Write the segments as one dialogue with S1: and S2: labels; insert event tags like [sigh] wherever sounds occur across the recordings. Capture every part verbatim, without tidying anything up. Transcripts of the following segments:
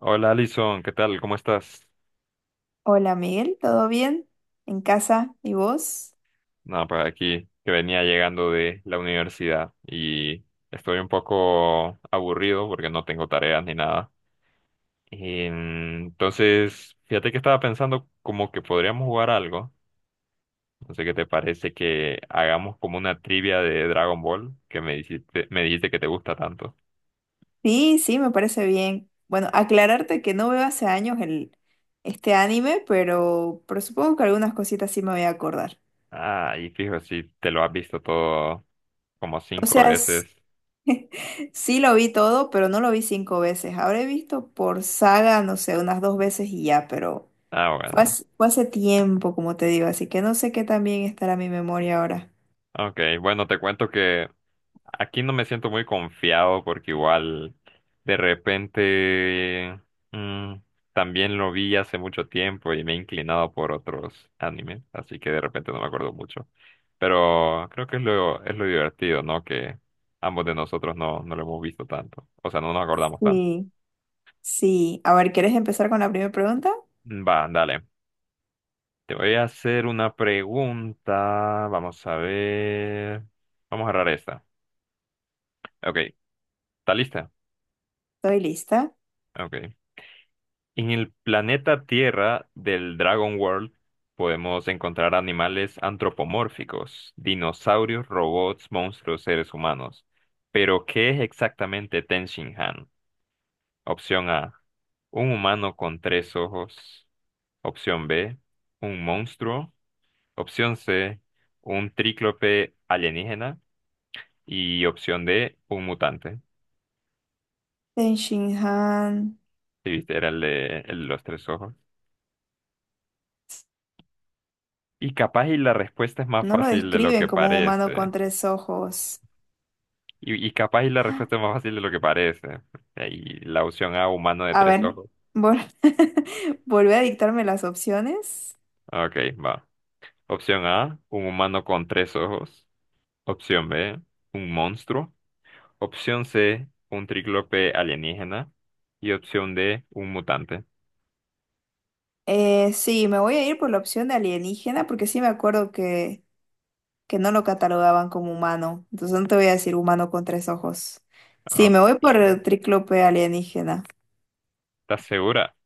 S1: Hola Alison, ¿qué tal? ¿Cómo estás?
S2: Hola Miguel, ¿todo bien? ¿En casa? ¿Y vos?
S1: Nada, pues aquí que venía llegando de la universidad y estoy un poco aburrido porque no tengo tareas ni nada. Entonces, fíjate que estaba pensando como que podríamos jugar algo. No sé qué te parece que hagamos como una trivia de Dragon Ball que me dijiste, me dijiste que te gusta tanto.
S2: Sí, sí, me parece bien. Bueno, aclararte que no veo hace años el, este anime, pero, pero supongo que algunas cositas sí me voy a acordar.
S1: Ah, y fijo, si te lo has visto todo como
S2: O
S1: cinco
S2: sea, s-
S1: veces.
S2: [laughs] sí lo vi todo, pero no lo vi cinco veces. Habré visto por saga, no sé, unas dos veces y ya, pero
S1: Ah,
S2: fue
S1: bueno.
S2: hace, fue hace tiempo, como te digo, así que no sé qué tan bien estará mi memoria ahora.
S1: Ok, bueno, te cuento que aquí no me siento muy confiado porque igual de repente mm, también lo vi hace mucho tiempo y me he inclinado por otros animes, así que de repente no me acuerdo mucho. Pero creo que es lo, es lo divertido, ¿no? Que ambos de nosotros no, no lo hemos visto tanto, o sea, no nos acordamos tanto.
S2: Sí, sí. A ver, ¿quieres empezar con la primera pregunta?
S1: Va, dale. Te voy a hacer una pregunta. Vamos a ver. Vamos a agarrar esta. Ok, ¿está lista?
S2: Estoy lista.
S1: Ok. En el planeta Tierra del Dragon World podemos encontrar animales antropomórficos, dinosaurios, robots, monstruos, seres humanos. Pero, ¿qué es exactamente Tenshinhan? Opción A, un humano con tres ojos. Opción B, un monstruo. Opción C, un tríclope alienígena. Y opción D, un mutante.
S2: Ten Shin Han.
S1: Sí, viste, era el de el de los tres ojos. Y capaz y la respuesta es más
S2: No lo
S1: fácil de lo
S2: describen
S1: que
S2: como un humano
S1: parece.
S2: con tres ojos.
S1: Y, y capaz y la respuesta es más fácil de lo que parece. Eh, Y la opción A, humano de
S2: A
S1: tres
S2: ver,
S1: ojos.
S2: vol [laughs] volví a dictarme las opciones.
S1: Ok, va. Opción A, un humano con tres ojos. Opción B, un monstruo. Opción C, un tríclope alienígena. Y opción D, un mutante.
S2: Eh, sí, me voy a ir por la opción de alienígena porque sí me acuerdo que, que no lo catalogaban como humano. Entonces no te voy a decir humano con tres ojos. Sí, me
S1: Ok.
S2: voy por el tríclope alienígena.
S1: ¿Estás segura?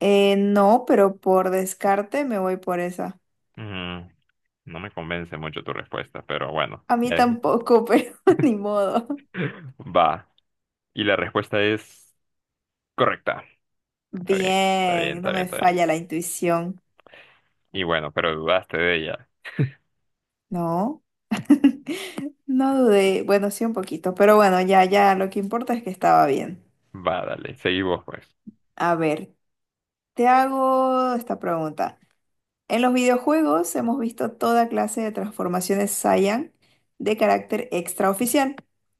S2: Eh, no, pero por descarte me voy por esa.
S1: Mm, no me convence mucho tu respuesta, pero bueno.
S2: A mí
S1: Ya dije.
S2: tampoco, [laughs] pero ni modo.
S1: [laughs] Va. Y la respuesta es correcta. Está bien, está bien,
S2: Bien, no
S1: está bien,
S2: me
S1: está bien.
S2: falla la intuición.
S1: Y bueno, pero dudaste de ella.
S2: No, [laughs] no dudé. Bueno, sí un poquito, pero bueno, ya, ya, lo que importa es que estaba bien.
S1: Va, dale, seguimos pues.
S2: A ver, te hago esta pregunta. En los videojuegos hemos visto toda clase de transformaciones Saiyan de carácter extraoficial.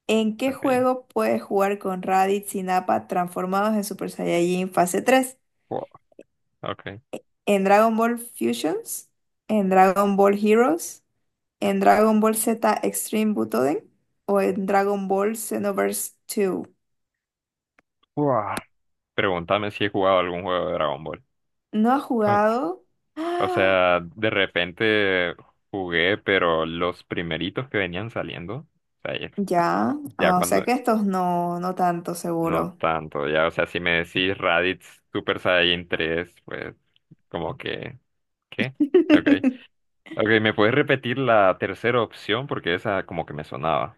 S2: ¿En qué
S1: Ok.
S2: juego puedes jugar con Raditz y Nappa transformados en Super Saiyajin fase tres?
S1: Wow, ok.
S2: ¿En Dragon Ball Fusions? ¿En Dragon Ball Heroes? ¿En Dragon Ball Z Extreme Butoden o en Dragon Ball Xenoverse dos?
S1: Wow. Pregúntame si he jugado algún juego de Dragon Ball.
S2: ¿No ha
S1: Ok.
S2: jugado? [gasps]
S1: O
S2: ¡Ah!
S1: sea, de repente jugué, pero los primeritos que venían saliendo, o sea, ya,
S2: Ya.
S1: ya
S2: Ah, o
S1: cuando,
S2: sea que estos no, no tanto
S1: no
S2: seguro.
S1: tanto, ya, o sea, si me decís Raditz Super Saiyan tres pues como que, ¿qué? Ok.
S2: [laughs]
S1: Ok, ¿me puedes repetir la tercera opción? Porque esa como que me sonaba.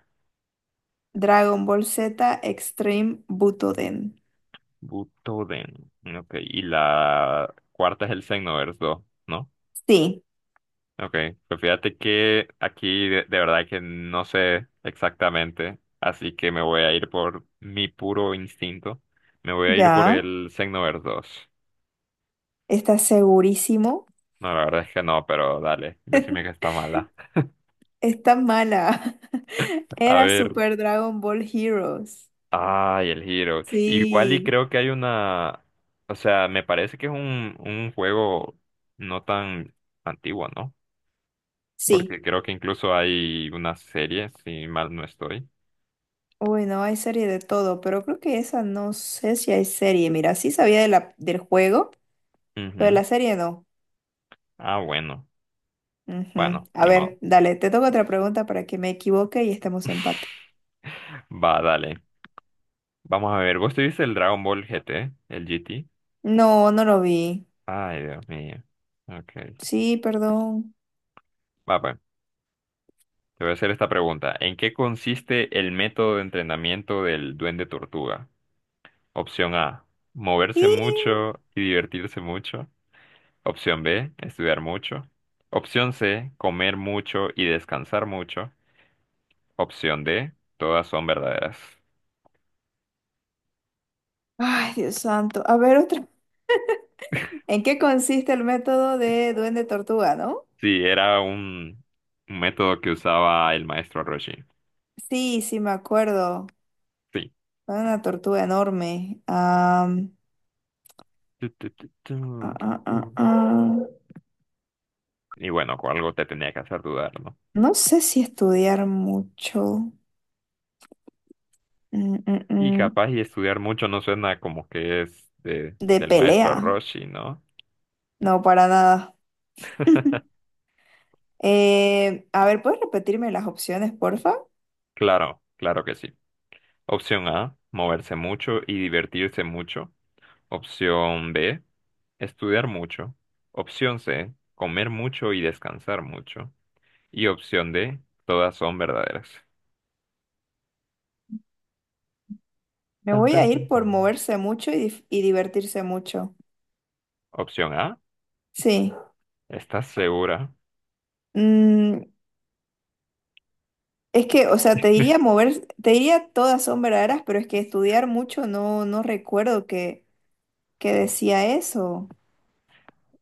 S2: Dragon Ball Z Extreme Butoden.
S1: Butoden. Ok, y la cuarta es el Xenoverse dos, ¿no?
S2: Sí,
S1: Ok, pues fíjate que aquí de, de verdad que no sé exactamente, así que me voy a ir por mi puro instinto. Me voy a ir por
S2: ya.
S1: el Xenoverse dos.
S2: Está segurísimo.
S1: No, la verdad es que no, pero dale, decime que está mala.
S2: Está mala. [laughs]
S1: [laughs] A
S2: Era
S1: ver,
S2: Super Dragon Ball Heroes.
S1: ay, el Hero. Igual y
S2: Sí,
S1: creo que hay una, o sea, me parece que es un, un juego no tan antiguo, ¿no?
S2: sí.
S1: Porque creo que incluso hay una serie, si mal no estoy.
S2: Bueno, hay serie de todo, pero creo que esa no sé si hay serie. Mira, sí sabía de la, del juego, pero de
S1: Ujú.
S2: la serie no.
S1: Ah, bueno,
S2: Ujú.
S1: bueno,
S2: A
S1: ni modo.
S2: ver, dale, te toca otra pregunta para que me equivoque y estemos en empate.
S1: Va, dale. Vamos a ver. ¿Vos tuviste el Dragon Ball G T? ¿El G T?
S2: No, no lo vi.
S1: Ay, Dios mío. Ok.
S2: Sí, perdón.
S1: Va, pues. Te voy a hacer esta pregunta. ¿En qué consiste el método de entrenamiento del Duende Tortuga? Opción A.
S2: Y...
S1: Moverse mucho y divertirse mucho. Opción B. Estudiar mucho. Opción C. Comer mucho y descansar mucho. Opción D. Todas son verdaderas.
S2: Ay, Dios santo. A ver, otra. ¿En qué consiste el método de Duende Tortuga, no?
S1: Sí, era un, un método que usaba el maestro Roshi.
S2: Sí, sí, me acuerdo.
S1: Sí.
S2: Era una tortuga enorme. Am,
S1: Tu, tu, tu, tu,
S2: ah,
S1: tu,
S2: ah,
S1: tu.
S2: ah, ah.
S1: Y bueno, con algo te tenía que hacer dudar, ¿no?
S2: No sé si estudiar mucho. Mm, mm,
S1: Y
S2: mm.
S1: capaz y estudiar mucho no suena como que es de,
S2: De
S1: del
S2: pelea.
S1: maestro Roshi, ¿no?
S2: No, para nada. [laughs]
S1: [laughs]
S2: Eh, a ver, ¿puedes repetirme las opciones, porfa?
S1: Claro, claro que sí. Opción A, moverse mucho y divertirse mucho. Opción B, estudiar mucho. Opción C, comer mucho y descansar mucho. Y opción D, todas son verdaderas.
S2: Me
S1: Tan,
S2: voy a
S1: tan,
S2: ir
S1: tan,
S2: por
S1: tan.
S2: moverse mucho y, dif- y divertirse mucho.
S1: Opción A,
S2: Sí.
S1: ¿estás segura?
S2: Mm, es que, o sea, te diría
S1: [laughs]
S2: mover, te diría todas son verdaderas, pero es que estudiar mucho no, no recuerdo que, que decía eso.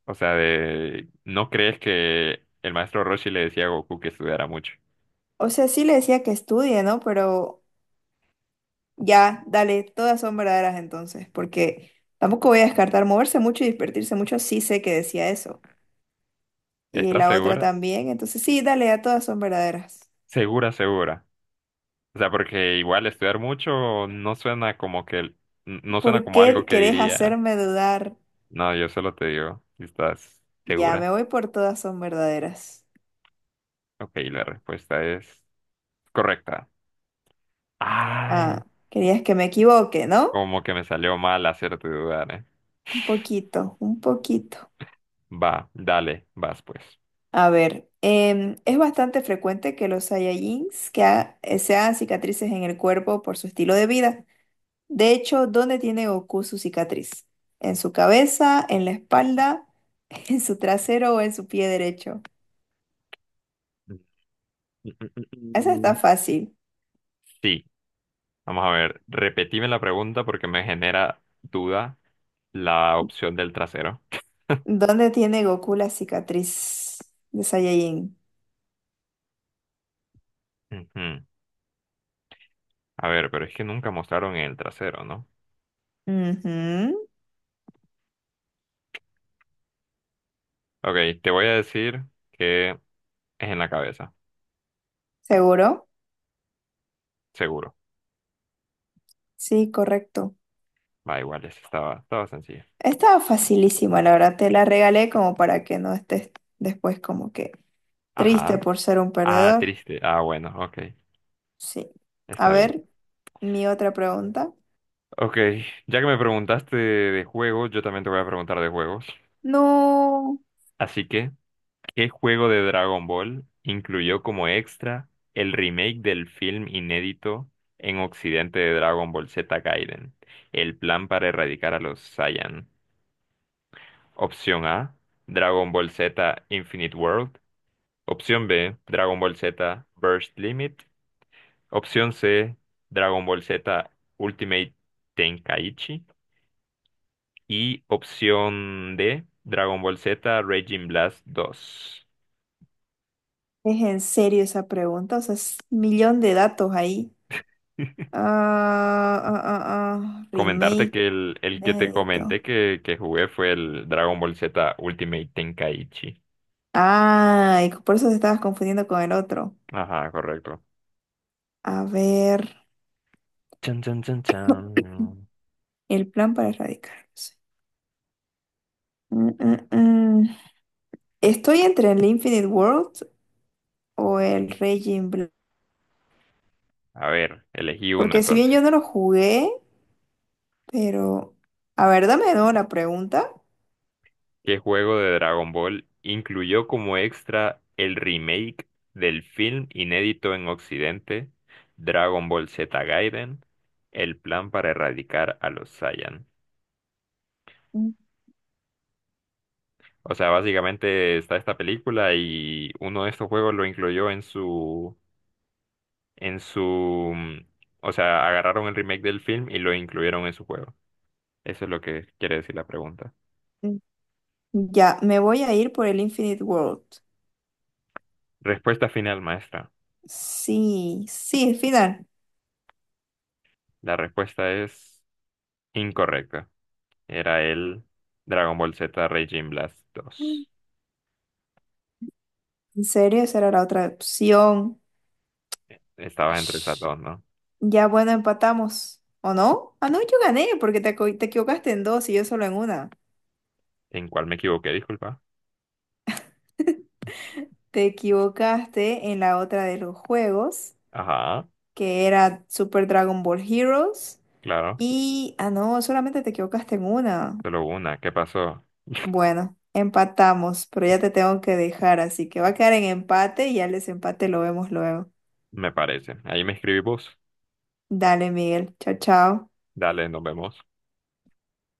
S1: O sea, de, ¿no crees que el maestro Roshi le decía a Goku que estudiara mucho?
S2: O sea, sí le decía que estudie, ¿no? Pero ya, dale, todas son verdaderas entonces, porque tampoco voy a descartar moverse mucho y divertirse mucho, sí sé que decía eso. Y
S1: ¿Estás
S2: la otra
S1: segura?
S2: también. Entonces, sí, dale, a todas son verdaderas.
S1: Segura, segura. O sea, porque igual estudiar mucho no suena como que, no suena
S2: ¿Por
S1: como algo
S2: qué
S1: que
S2: querés
S1: diría,
S2: hacerme dudar?
S1: no, yo solo te digo, si ¿estás
S2: Ya
S1: segura?
S2: me voy por todas son verdaderas.
S1: Ok, la respuesta es correcta. Ay,
S2: Ah, querías que me equivoque, ¿no?
S1: como que me salió mal hacerte dudar, ¿eh?
S2: Un poquito, un poquito.
S1: Va, dale, vas pues.
S2: A ver, em, es bastante frecuente que los Saiyajins que ha- eh, se hagan cicatrices en el cuerpo por su estilo de vida. De hecho, ¿dónde tiene Goku su cicatriz? ¿En su cabeza, en la espalda, [laughs] en su trasero o en su pie derecho?
S1: Mm, mm, mm, mm,
S2: Esa está
S1: mm.
S2: fácil.
S1: Sí. Vamos a ver, repetime la pregunta porque me genera duda la opción del trasero.
S2: ¿Dónde tiene Goku la cicatriz de Saiyajin?
S1: Ujú. A ver, pero es que nunca mostraron el trasero, ¿no?
S2: Ujú.
S1: Ok, te voy a decir que es en la cabeza,
S2: ¿Seguro?
S1: seguro.
S2: Sí, correcto.
S1: Va, igual, esa estaba, estaba sencilla.
S2: Estaba facilísima, la verdad. Te la regalé como para que no estés después como que triste
S1: Ajá.
S2: por ser un
S1: Ah,
S2: perdedor.
S1: triste. Ah, bueno, ok.
S2: Sí. A
S1: Está bien.
S2: ver, mi otra pregunta.
S1: Ok, ya que me preguntaste de juegos, yo también te voy a preguntar de juegos.
S2: No,
S1: Así que ¿qué juego de Dragon Ball incluyó como extra el remake del film inédito en Occidente de Dragon Ball Z Gaiden? El plan para erradicar a los Saiyan. Opción A, Dragon Ball Z Infinite World. Opción B, Dragon Ball Z Burst Limit. Opción C, Dragon Ball Z Ultimate Tenkaichi. Y opción D, Dragon Ball Z Raging Blast dos.
S2: ¿es en serio esa pregunta? O sea, es un millón de datos ahí.
S1: [laughs]
S2: Ah, ah, ah, ah,
S1: Comentarte
S2: remake,
S1: que el, el que te
S2: inédito.
S1: comenté que, que jugué fue el Dragon Ball Z Ultimate Tenkaichi.
S2: Ay, por eso te estabas confundiendo con el otro.
S1: Ajá, correcto.
S2: A ver,
S1: Chan, chan, chan, chan.
S2: el plan para erradicarlos. Mm, mm, mm. Estoy entre el Infinite World o el Raging Blue.
S1: A ver, elegí uno
S2: Porque si bien
S1: entonces.
S2: yo no lo jugué, pero... A ver, dame de nuevo la pregunta.
S1: ¿Qué juego de Dragon Ball incluyó como extra el remake del film inédito en Occidente, Dragon Ball Z Gaiden, el plan para erradicar a los Saiyan?
S2: Mm,
S1: O sea, básicamente está esta película y uno de estos juegos lo incluyó en su en su, mm, o sea, agarraron el remake del film y lo incluyeron en su juego. Eso es lo que quiere decir la pregunta.
S2: mm. Ya, me voy a ir por el Infinite World.
S1: Respuesta final, maestra.
S2: Sí, sí, el final.
S1: La respuesta es incorrecta. Era el Dragon Ball Z Raging Blast
S2: Mm.
S1: dos.
S2: ¿En serio? Esa era la otra opción.
S1: Estabas entre esas
S2: Ash.
S1: dos, ¿no?
S2: Ya, bueno, empatamos. ¿O no? Ah, no, yo gané porque te, equi- te equivocaste en dos y yo solo en una.
S1: ¿En cuál me equivoqué? Disculpa.
S2: Te equivocaste en la otra de los juegos,
S1: Ajá,
S2: que era Super Dragon Ball Heroes.
S1: claro.
S2: Y, ah, no, solamente te equivocaste en una.
S1: Solo una. ¿Qué pasó?
S2: Bueno, empatamos, pero ya te tengo que dejar, así que va a quedar en empate y ya el desempate lo vemos luego.
S1: Me parece. Ahí me escribí vos.
S2: Dale, Miguel. Chao, chao.
S1: Dale, nos vemos.